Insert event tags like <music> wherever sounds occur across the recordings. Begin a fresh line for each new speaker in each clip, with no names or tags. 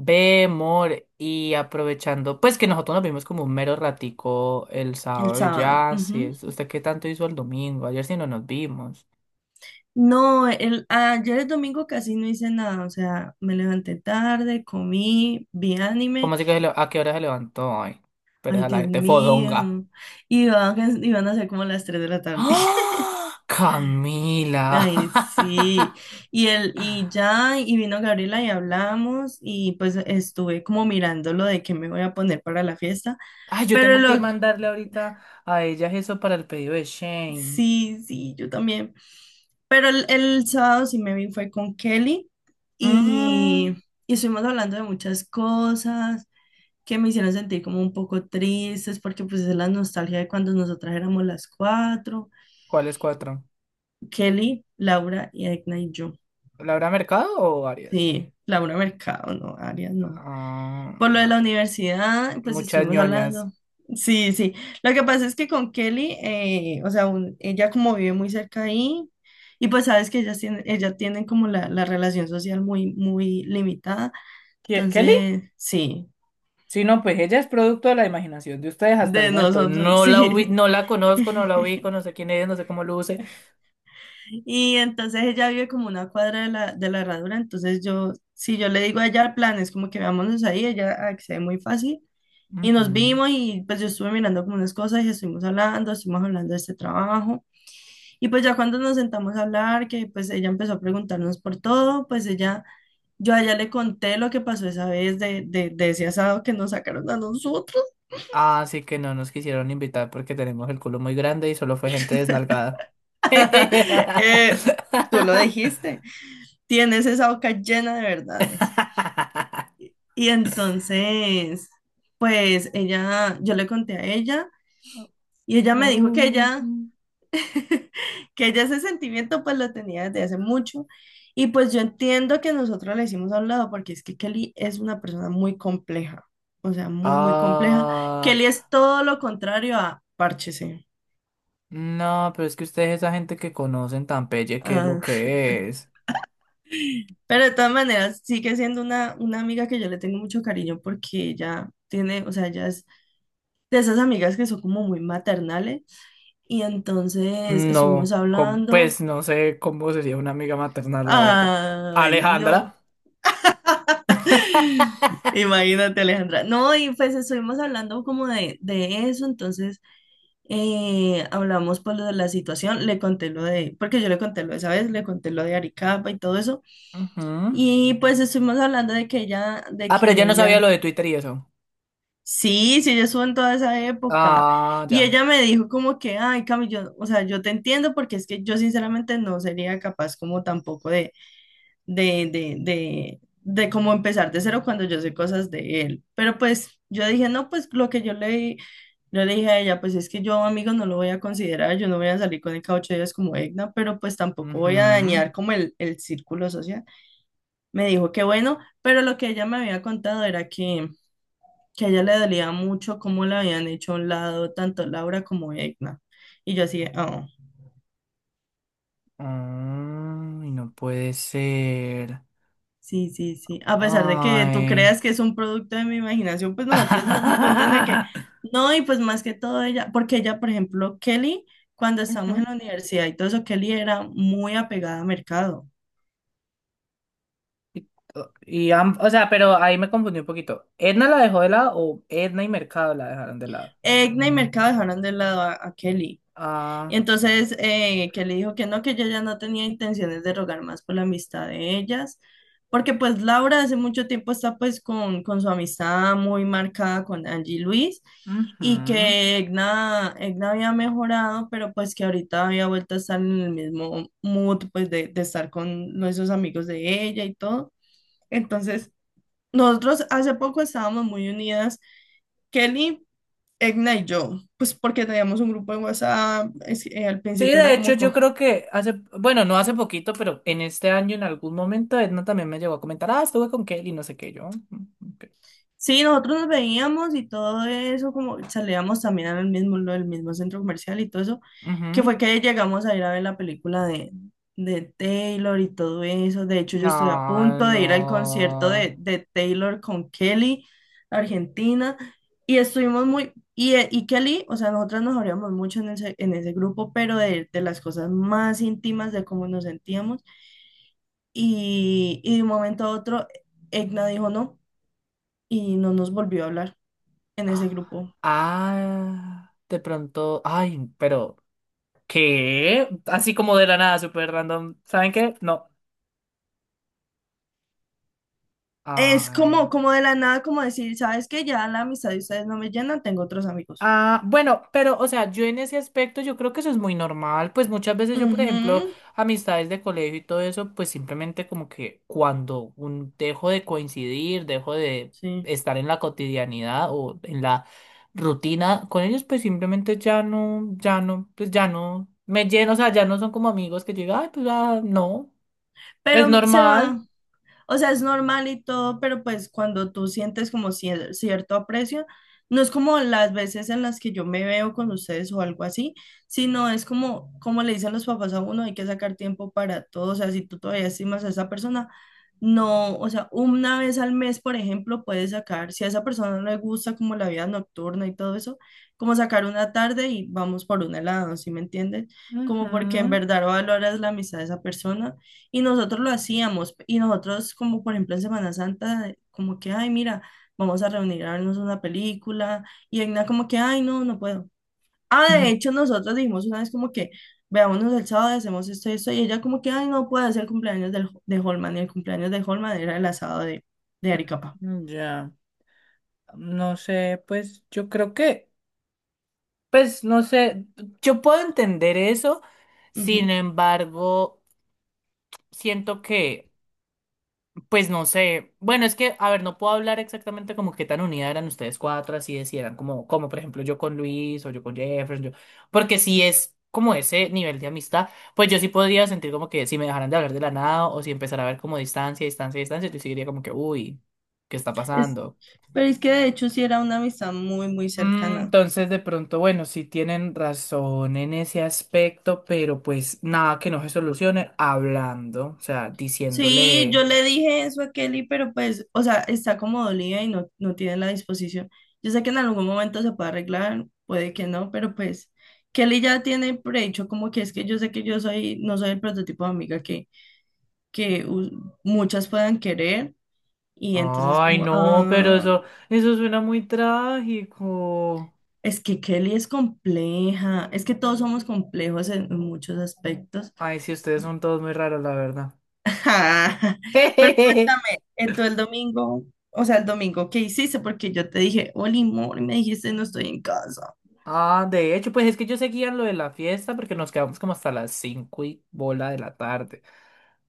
Ve, amor, y aprovechando, pues que nosotros nos vimos como un mero ratico el
El
sábado y
sábado.
ya, sí,
Ujú.
¿usted qué tanto hizo el domingo? Ayer sí no nos vimos.
No, ayer el domingo casi no hice nada, o sea, me levanté tarde, comí, vi
¿Cómo
anime,
así que a qué hora se levantó, ay? Pero
ay,
esa la
Dios
gente fodonga.
mío, y iban a ser como las 3 de la tarde. <laughs>
¡Ah! ¡Camila!
Ay, sí, y vino Gabriela y hablamos, y pues estuve como mirando lo de qué me voy a poner para la fiesta,
<laughs> Ay, yo
pero
tengo que
lo
mandarle ahorita a ellas eso para el pedido de Shane.
Sí, sí, yo también. Pero el sábado sí me vi, fue con Kelly, y,
Mm.
y estuvimos hablando de muchas cosas que me hicieron sentir como un poco tristes, porque pues es la nostalgia de cuando nosotras éramos las cuatro,
¿Cuáles cuatro?
Kelly, Laura y Edna y yo.
¿Laura Mercado o varias?
Sí, Laura Mercado, no, Arias, no.
Ah,
Por lo de
nah,
la universidad, pues
muchas
estuvimos
ñoñas.
hablando. Sí, sí. Lo que pasa es que con Kelly, o sea, ella como vive muy cerca ahí, y pues sabes que ellas tienen, ella tienen como la relación social muy, muy limitada.
¿Qué, Kelly?
Entonces, sí,
Sí, no, pues ella es producto de la imaginación de ustedes hasta el
de
momento.
nosotros,
No la ubi-
sí.
no la conozco, no
<laughs>
la ubico, no sé quién es, no sé cómo luce.
Y entonces ella vive como una cuadra de la, herradura, entonces yo, si yo le digo a ella el plan, es como que vámonos ahí, ella accede muy fácil. Y nos
Ujú.
vimos y pues yo estuve mirando como unas cosas y estuvimos hablando de este trabajo. Y pues ya cuando nos sentamos a hablar, que pues ella empezó a preguntarnos por todo, pues ella, yo a ella le conté lo que pasó esa vez de ese asado que nos sacaron a nosotros.
Así que no nos quisieron invitar porque tenemos el culo muy grande y solo fue gente desnalgada.
<laughs> Eh, Tú lo
<laughs>
dijiste, tienes esa boca llena de verdades. Y entonces, pues ella, yo le conté a ella y ella me dijo que
No.
ella... <laughs> que ella ese sentimiento pues lo tenía desde hace mucho, y pues yo entiendo que nosotros le hicimos a un lado porque es que Kelly es una persona muy compleja, o sea, muy, muy compleja.
Ah,
Kelly es todo lo contrario a Párchese.
no, pero es que ustedes esa gente que conocen tan pelle, ¿qué es lo
Ah,
que es?
pero de todas maneras sigue siendo una amiga que yo le tengo mucho cariño, porque ella tiene, o sea, ella es de esas amigas que son como muy maternales, y entonces estuvimos
No,
hablando.
pues no sé cómo sería una amiga maternal, la verdad.
Ay, no.
Alejandra. <laughs>
Imagínate, Alejandra. No, y pues estuvimos hablando como de eso, entonces hablamos por lo de la situación, le conté lo de, porque yo le conté lo de esa vez, le conté lo de Aricapa y todo eso,
Ujú.
y pues estuvimos hablando de que ella, de
Ah,
que
pero ya no sabía lo
ella,
de Twitter y eso.
sí, sí, ella estuvo en toda esa época,
Ah,
y
ya.
ella me dijo como que, ay, Cami, yo, o sea, yo te entiendo, porque es que yo sinceramente no sería capaz como tampoco de cómo empezar de cero cuando yo sé cosas de él. Pero pues yo dije, no, pues lo que yo le dije a ella, pues es que yo, amigo, no lo voy a considerar, yo no voy a salir con el cada 8 días como Egna, pero pues tampoco voy a
Ujú.
dañar como el círculo social. Me dijo que bueno, pero lo que ella me había contado era que a ella le dolía mucho cómo la habían hecho a un lado tanto Laura como Egna. Y yo así, de, "Ah".
Ay, no puede ser.
Sí, sí, sí. A pesar de que tú
Ay.
creas que es un producto de mi imaginación, pues nosotros es un punto en el que,
<laughs>
no, y pues más que todo ella, porque ella, por ejemplo, Kelly, cuando estábamos en
Ujú.
la universidad y todo eso, Kelly era muy apegada a Mercado.
Y, oh, y o sea, pero ahí me confundí un poquito. ¿Edna la dejó de lado o Edna y Mercado la dejaron de lado?
Egna y Mercado dejaron de lado a, Kelly.
Ah,
Entonces, que le dijo que no, que ella ya no tenía intenciones de rogar más por la amistad de ellas, porque pues Laura hace mucho tiempo está pues con su amistad muy marcada con Angie y Luis,
ujú.
y que Egna había mejorado, pero pues que ahorita había vuelto a estar en el mismo mood pues de estar con esos amigos de ella y todo. Entonces, nosotros hace poco estábamos muy unidas, Kelly, Egna y yo, pues porque teníamos un grupo de WhatsApp, al
Sí,
principio
de
era
hecho
como...
yo creo que hace, bueno, no hace poquito, pero en este año en algún momento Edna también me llegó a comentar, ah, estuve con Kelly, no sé qué, yo: "Mm, ok".
Sí, nosotros nos veíamos y todo eso, como salíamos también al mismo, del mismo centro comercial y todo eso, que
Ujú.
fue que llegamos a ir a ver la película de Taylor y todo eso. De hecho, yo estoy a
No,
punto de ir al concierto
no.
de Taylor con Kelly, Argentina, y estuvimos muy, y Kelly, o sea, nosotras nos abríamos mucho en ese grupo, pero de las cosas más íntimas, de cómo nos sentíamos, y de un momento a otro, Egna dijo no, y no nos volvió a hablar en ese grupo.
Ah, de pronto, ay, pero, ¿qué? Así como de la nada, súper random. ¿Saben qué? No.
Es
Ay.
como, como de la nada, como decir, ¿sabes qué? Ya la amistad de ustedes no me llena, tengo otros amigos.
Ah, bueno, pero, o sea, yo en ese aspecto yo creo que eso es muy normal, pues muchas veces yo, por ejemplo,
Ujú,
amistades de colegio y todo eso, pues simplemente como que cuando un, dejo de coincidir, dejo de
sí.
estar en la cotidianidad o en la rutina con ellos, pues simplemente ya no, ya no, pues ya no me lleno, o sea, ya no son como amigos que llega, ay, pues ah, no, es
Pero se
normal.
va. O sea, es normal y todo, pero pues cuando tú sientes como cierto aprecio, no es como las veces en las que yo me veo con ustedes o algo así, sino es como, como le dicen los papás a uno, hay que sacar tiempo para todo. O sea, si tú todavía estimas a esa persona, no, o sea, una vez al mes, por ejemplo, puedes sacar, si a esa persona no le gusta como la vida nocturna y todo eso, como sacar una tarde y vamos por un helado, ¿sí me entiendes? Como
Ujú.
porque en verdad valoras la amistad de esa persona, y nosotros lo hacíamos, y nosotros como por ejemplo en Semana Santa, como que, ay, mira, vamos a reunir a vernos una película, y Egna como que, ay, no, no puedo. Ah, de hecho
<clears throat>
nosotros dijimos una vez como que, veámonos el sábado, hacemos esto, esto, y ella como que, ay, no puedo hacer el cumpleaños del, de Holman, y el cumpleaños de Holman era el asado de Aricapa.
Ya, no sé, pues yo creo que… Pues no sé, yo puedo entender eso, sin
Ujú.
embargo, siento que, pues no sé, bueno, es que, a ver, no puedo hablar exactamente como qué tan unidas eran ustedes cuatro, así de si eran como, como por ejemplo yo con Luis o yo con Jefferson, yo, porque si es como ese nivel de amistad, pues yo sí podría sentir como que si me dejaran de hablar de la nada o si empezara a ver como distancia, distancia, distancia, yo sí diría como que, uy, ¿qué está
Es,
pasando?
pero es que de hecho sí era una amistad muy, muy
Mm.
cercana.
Entonces, de pronto, bueno, sí tienen razón en ese aspecto, pero pues nada que no se solucione hablando, o sea,
Sí, yo
diciéndole,
le dije eso a Kelly, pero pues, o sea, está como dolida y no, no tiene la disposición. Yo sé que en algún momento se puede arreglar, puede que no, pero pues Kelly ya tiene prehecho como que es que yo sé que yo soy, no soy el prototipo de amiga que muchas puedan querer, y entonces
ay,
como,
no, pero
ah,
eso suena muy trágico.
es que Kelly es compleja, es que todos somos complejos en muchos aspectos.
Ay, sí, ustedes son todos muy raros, la verdad.
Ja, pero
<laughs>
cuéntame, tú el domingo, o sea, el domingo, ¿qué hiciste? Porque yo te dije, Oli, amor, y me dijiste, no estoy en casa.
Ah, de hecho, pues es que yo seguía lo de la fiesta porque nos quedamos como hasta las cinco y bola de la tarde.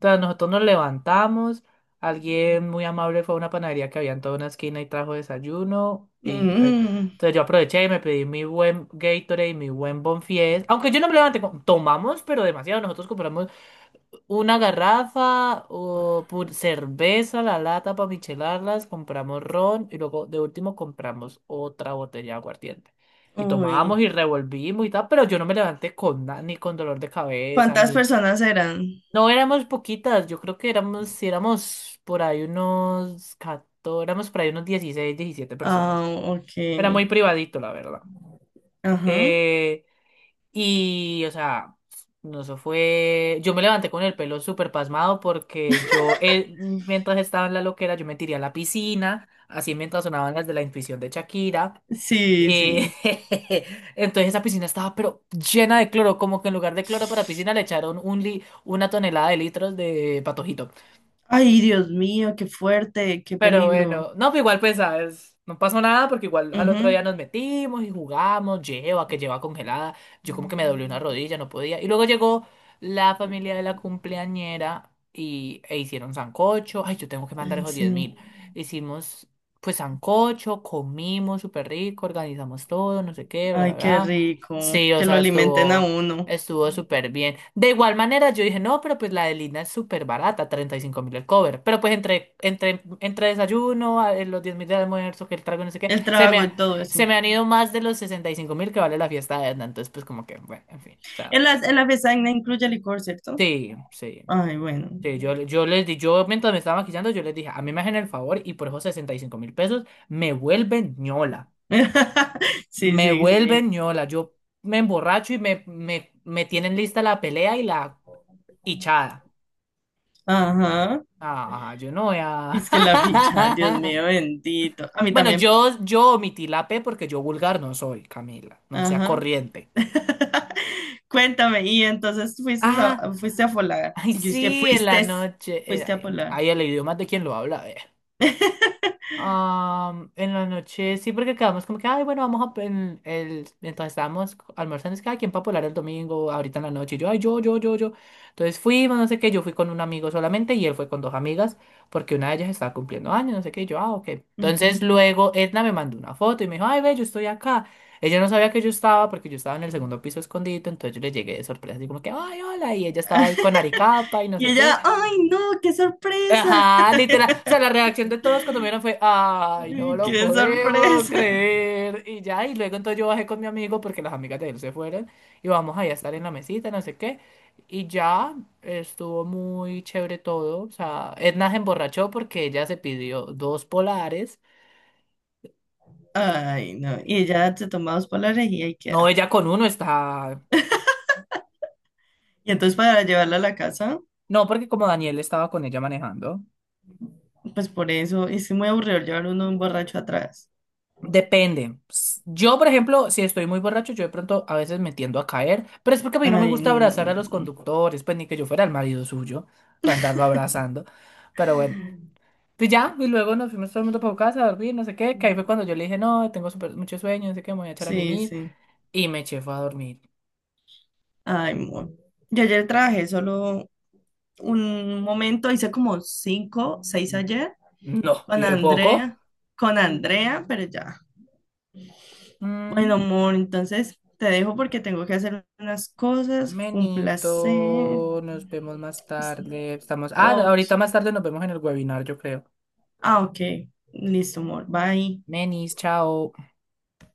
Sea, nosotros nos levantamos, alguien muy amable fue a una panadería que había en toda una esquina y trajo desayuno. Y
Mm,
entonces yo aproveché y me pedí mi buen Gatorade y mi buen Bonfies. Aunque yo no me levanté, tomamos, pero demasiado. Nosotros compramos una garrafa, o cerveza, la lata para michelarlas, compramos ron y luego de último compramos otra botella de aguardiente. Y
uy,
tomábamos y revolvimos y tal, pero yo no me levanté con ni con dolor de cabeza,
¿cuántas
ni…
personas eran?
No éramos poquitas, yo creo que éramos, si éramos por ahí unos 14, éramos por ahí unos 16 17
Ah,
personas. Era muy
ok,
privadito, la verdad.
ajá,
Eh, y, o sea, no, eso fue. Yo me levanté con el pelo súper pasmado porque yo, mientras estaba en la loquera, yo me tiré a la piscina, así mientras sonaban las de la intuición de Shakira.
sí,
Eh,
sí.
<laughs> entonces esa piscina estaba pero llena de cloro, como que en lugar de cloro para piscina le echaron un una tonelada de litros de patojito.
Ay, Dios mío, qué fuerte, qué
Pero
peligro.
bueno, no, pero igual pues, ¿sabes? No pasó nada porque igual al otro día nos
Ujú,
metimos y jugamos, lleva, que lleva congelada. Yo como que me doblé una rodilla, no podía. Y luego llegó la familia de la cumpleañera y, e hicieron sancocho. Ay, yo tengo que mandar
ah,
esos 10.000.
sí,
Hicimos pues sancocho, comimos súper rico, organizamos todo, no sé qué, bla, bla,
ay, qué
bla.
rico,
Sí, o
que lo
sea,
alimenten a
estuvo…
uno,
Estuvo súper bien. De igual manera, yo dije, no, pero pues la de Lina es súper barata, 35.000 el cover. Pero pues entre desayuno, los 10.000 de almuerzo, que el trago, no sé qué,
el
se
trago
me,
y todo
se
eso.
me han ido más de los 65.000 que vale la fiesta de Edna. Entonces, pues como que, bueno, en fin. O sea,
En la besaña incluye licor, ¿cierto?
sí, sí.
Ay, bueno.
Sí, yo les di, yo mientras me estaba maquillando, yo les dije, a mí me hacen el favor y por esos 65.000 pesos me vuelven ñola.
<laughs> Sí,
Me
sí, sí.
vuelven ñola. Yo me emborracho y me tienen lista la pelea y la hinchada.
Ajá.
Ah, yo no voy
Y
a…
es que la ficha, Dios mío, bendito. A
<laughs>
mí
Bueno,
también.
yo omití la P porque yo vulgar no soy, Camila. No sea
Ajá.
corriente.
<laughs> Cuéntame, y entonces fuiste
Ah,
a, fuiste a Polar.
ay,
Y yo es que
sí, en la
fuiste,
noche.
fuiste a
Ay,
Polar.
ay, el idioma es de quien lo habla.
<laughs>
En la noche, sí, porque quedamos como que, ay, bueno, vamos a… en el, entonces estábamos almorzando, es que, ay, ¿quién va a polar el domingo ahorita en la noche? Y yo, ay, yo, yo, yo, yo. Entonces fuimos, no sé qué, yo fui con un amigo solamente y él fue con dos amigas porque una de ellas estaba cumpliendo años, no sé qué, y yo, ah, ok.
Ujú.
Entonces luego Edna me mandó una foto y me dijo, ay, ve, yo estoy acá. Ella no sabía que yo estaba porque yo estaba en el segundo piso escondido, entonces yo le llegué de sorpresa, así como que, ay, hola, y ella estaba ahí con Aricapa y no
Y
sé qué.
ella, ay, no, qué sorpresa.
Ajá, literal. O sea, la reacción de todos cuando me vieron fue,
<laughs>
ay, no
Ay,
lo
qué
podemos
sorpresa.
creer. Y ya, y luego entonces yo bajé con mi amigo porque las amigas de él se fueron y vamos ahí a estar en la mesita, no sé qué. Y ya estuvo muy chévere todo. O sea, Edna se emborrachó porque ella se pidió dos polares.
<laughs> Ay, no. Y ella se toma dos polares y ahí
No,
queda.
ella con uno está…
Y entonces para llevarla a la casa,
No, porque como Daniel estaba con ella manejando.
pues por eso, es muy aburrido llevar uno un borracho atrás.
Depende. Yo, por ejemplo, si estoy muy borracho, yo de pronto a veces me tiendo a caer, pero es porque a mí no me
Ay,
gusta abrazar a los conductores, pues ni que yo fuera el marido suyo para andarlo abrazando. Pero bueno, pues ya, y luego nos fuimos todo el mundo para casa a dormir, no sé qué, que ahí fue cuando yo le dije, no, tengo mucho sueño, no sé qué, me voy a echar a
sí,
mimir,
sí.
y me eché fue a dormir.
Ay, amor. Yo ayer trabajé solo un momento, hice como cinco, seis
Mm.
ayer
No, y
con
de poco.
Andrea, pero ya. Bueno,
Mm.
amor, entonces te dejo porque tengo que hacer unas cosas. Fue un placer.
Menito, nos vemos más tarde. Estamos, ah, ahorita
Ok.
más tarde nos vemos en el webinar, yo creo.
Ah, ok. Listo, amor. Bye.
Menis, chao.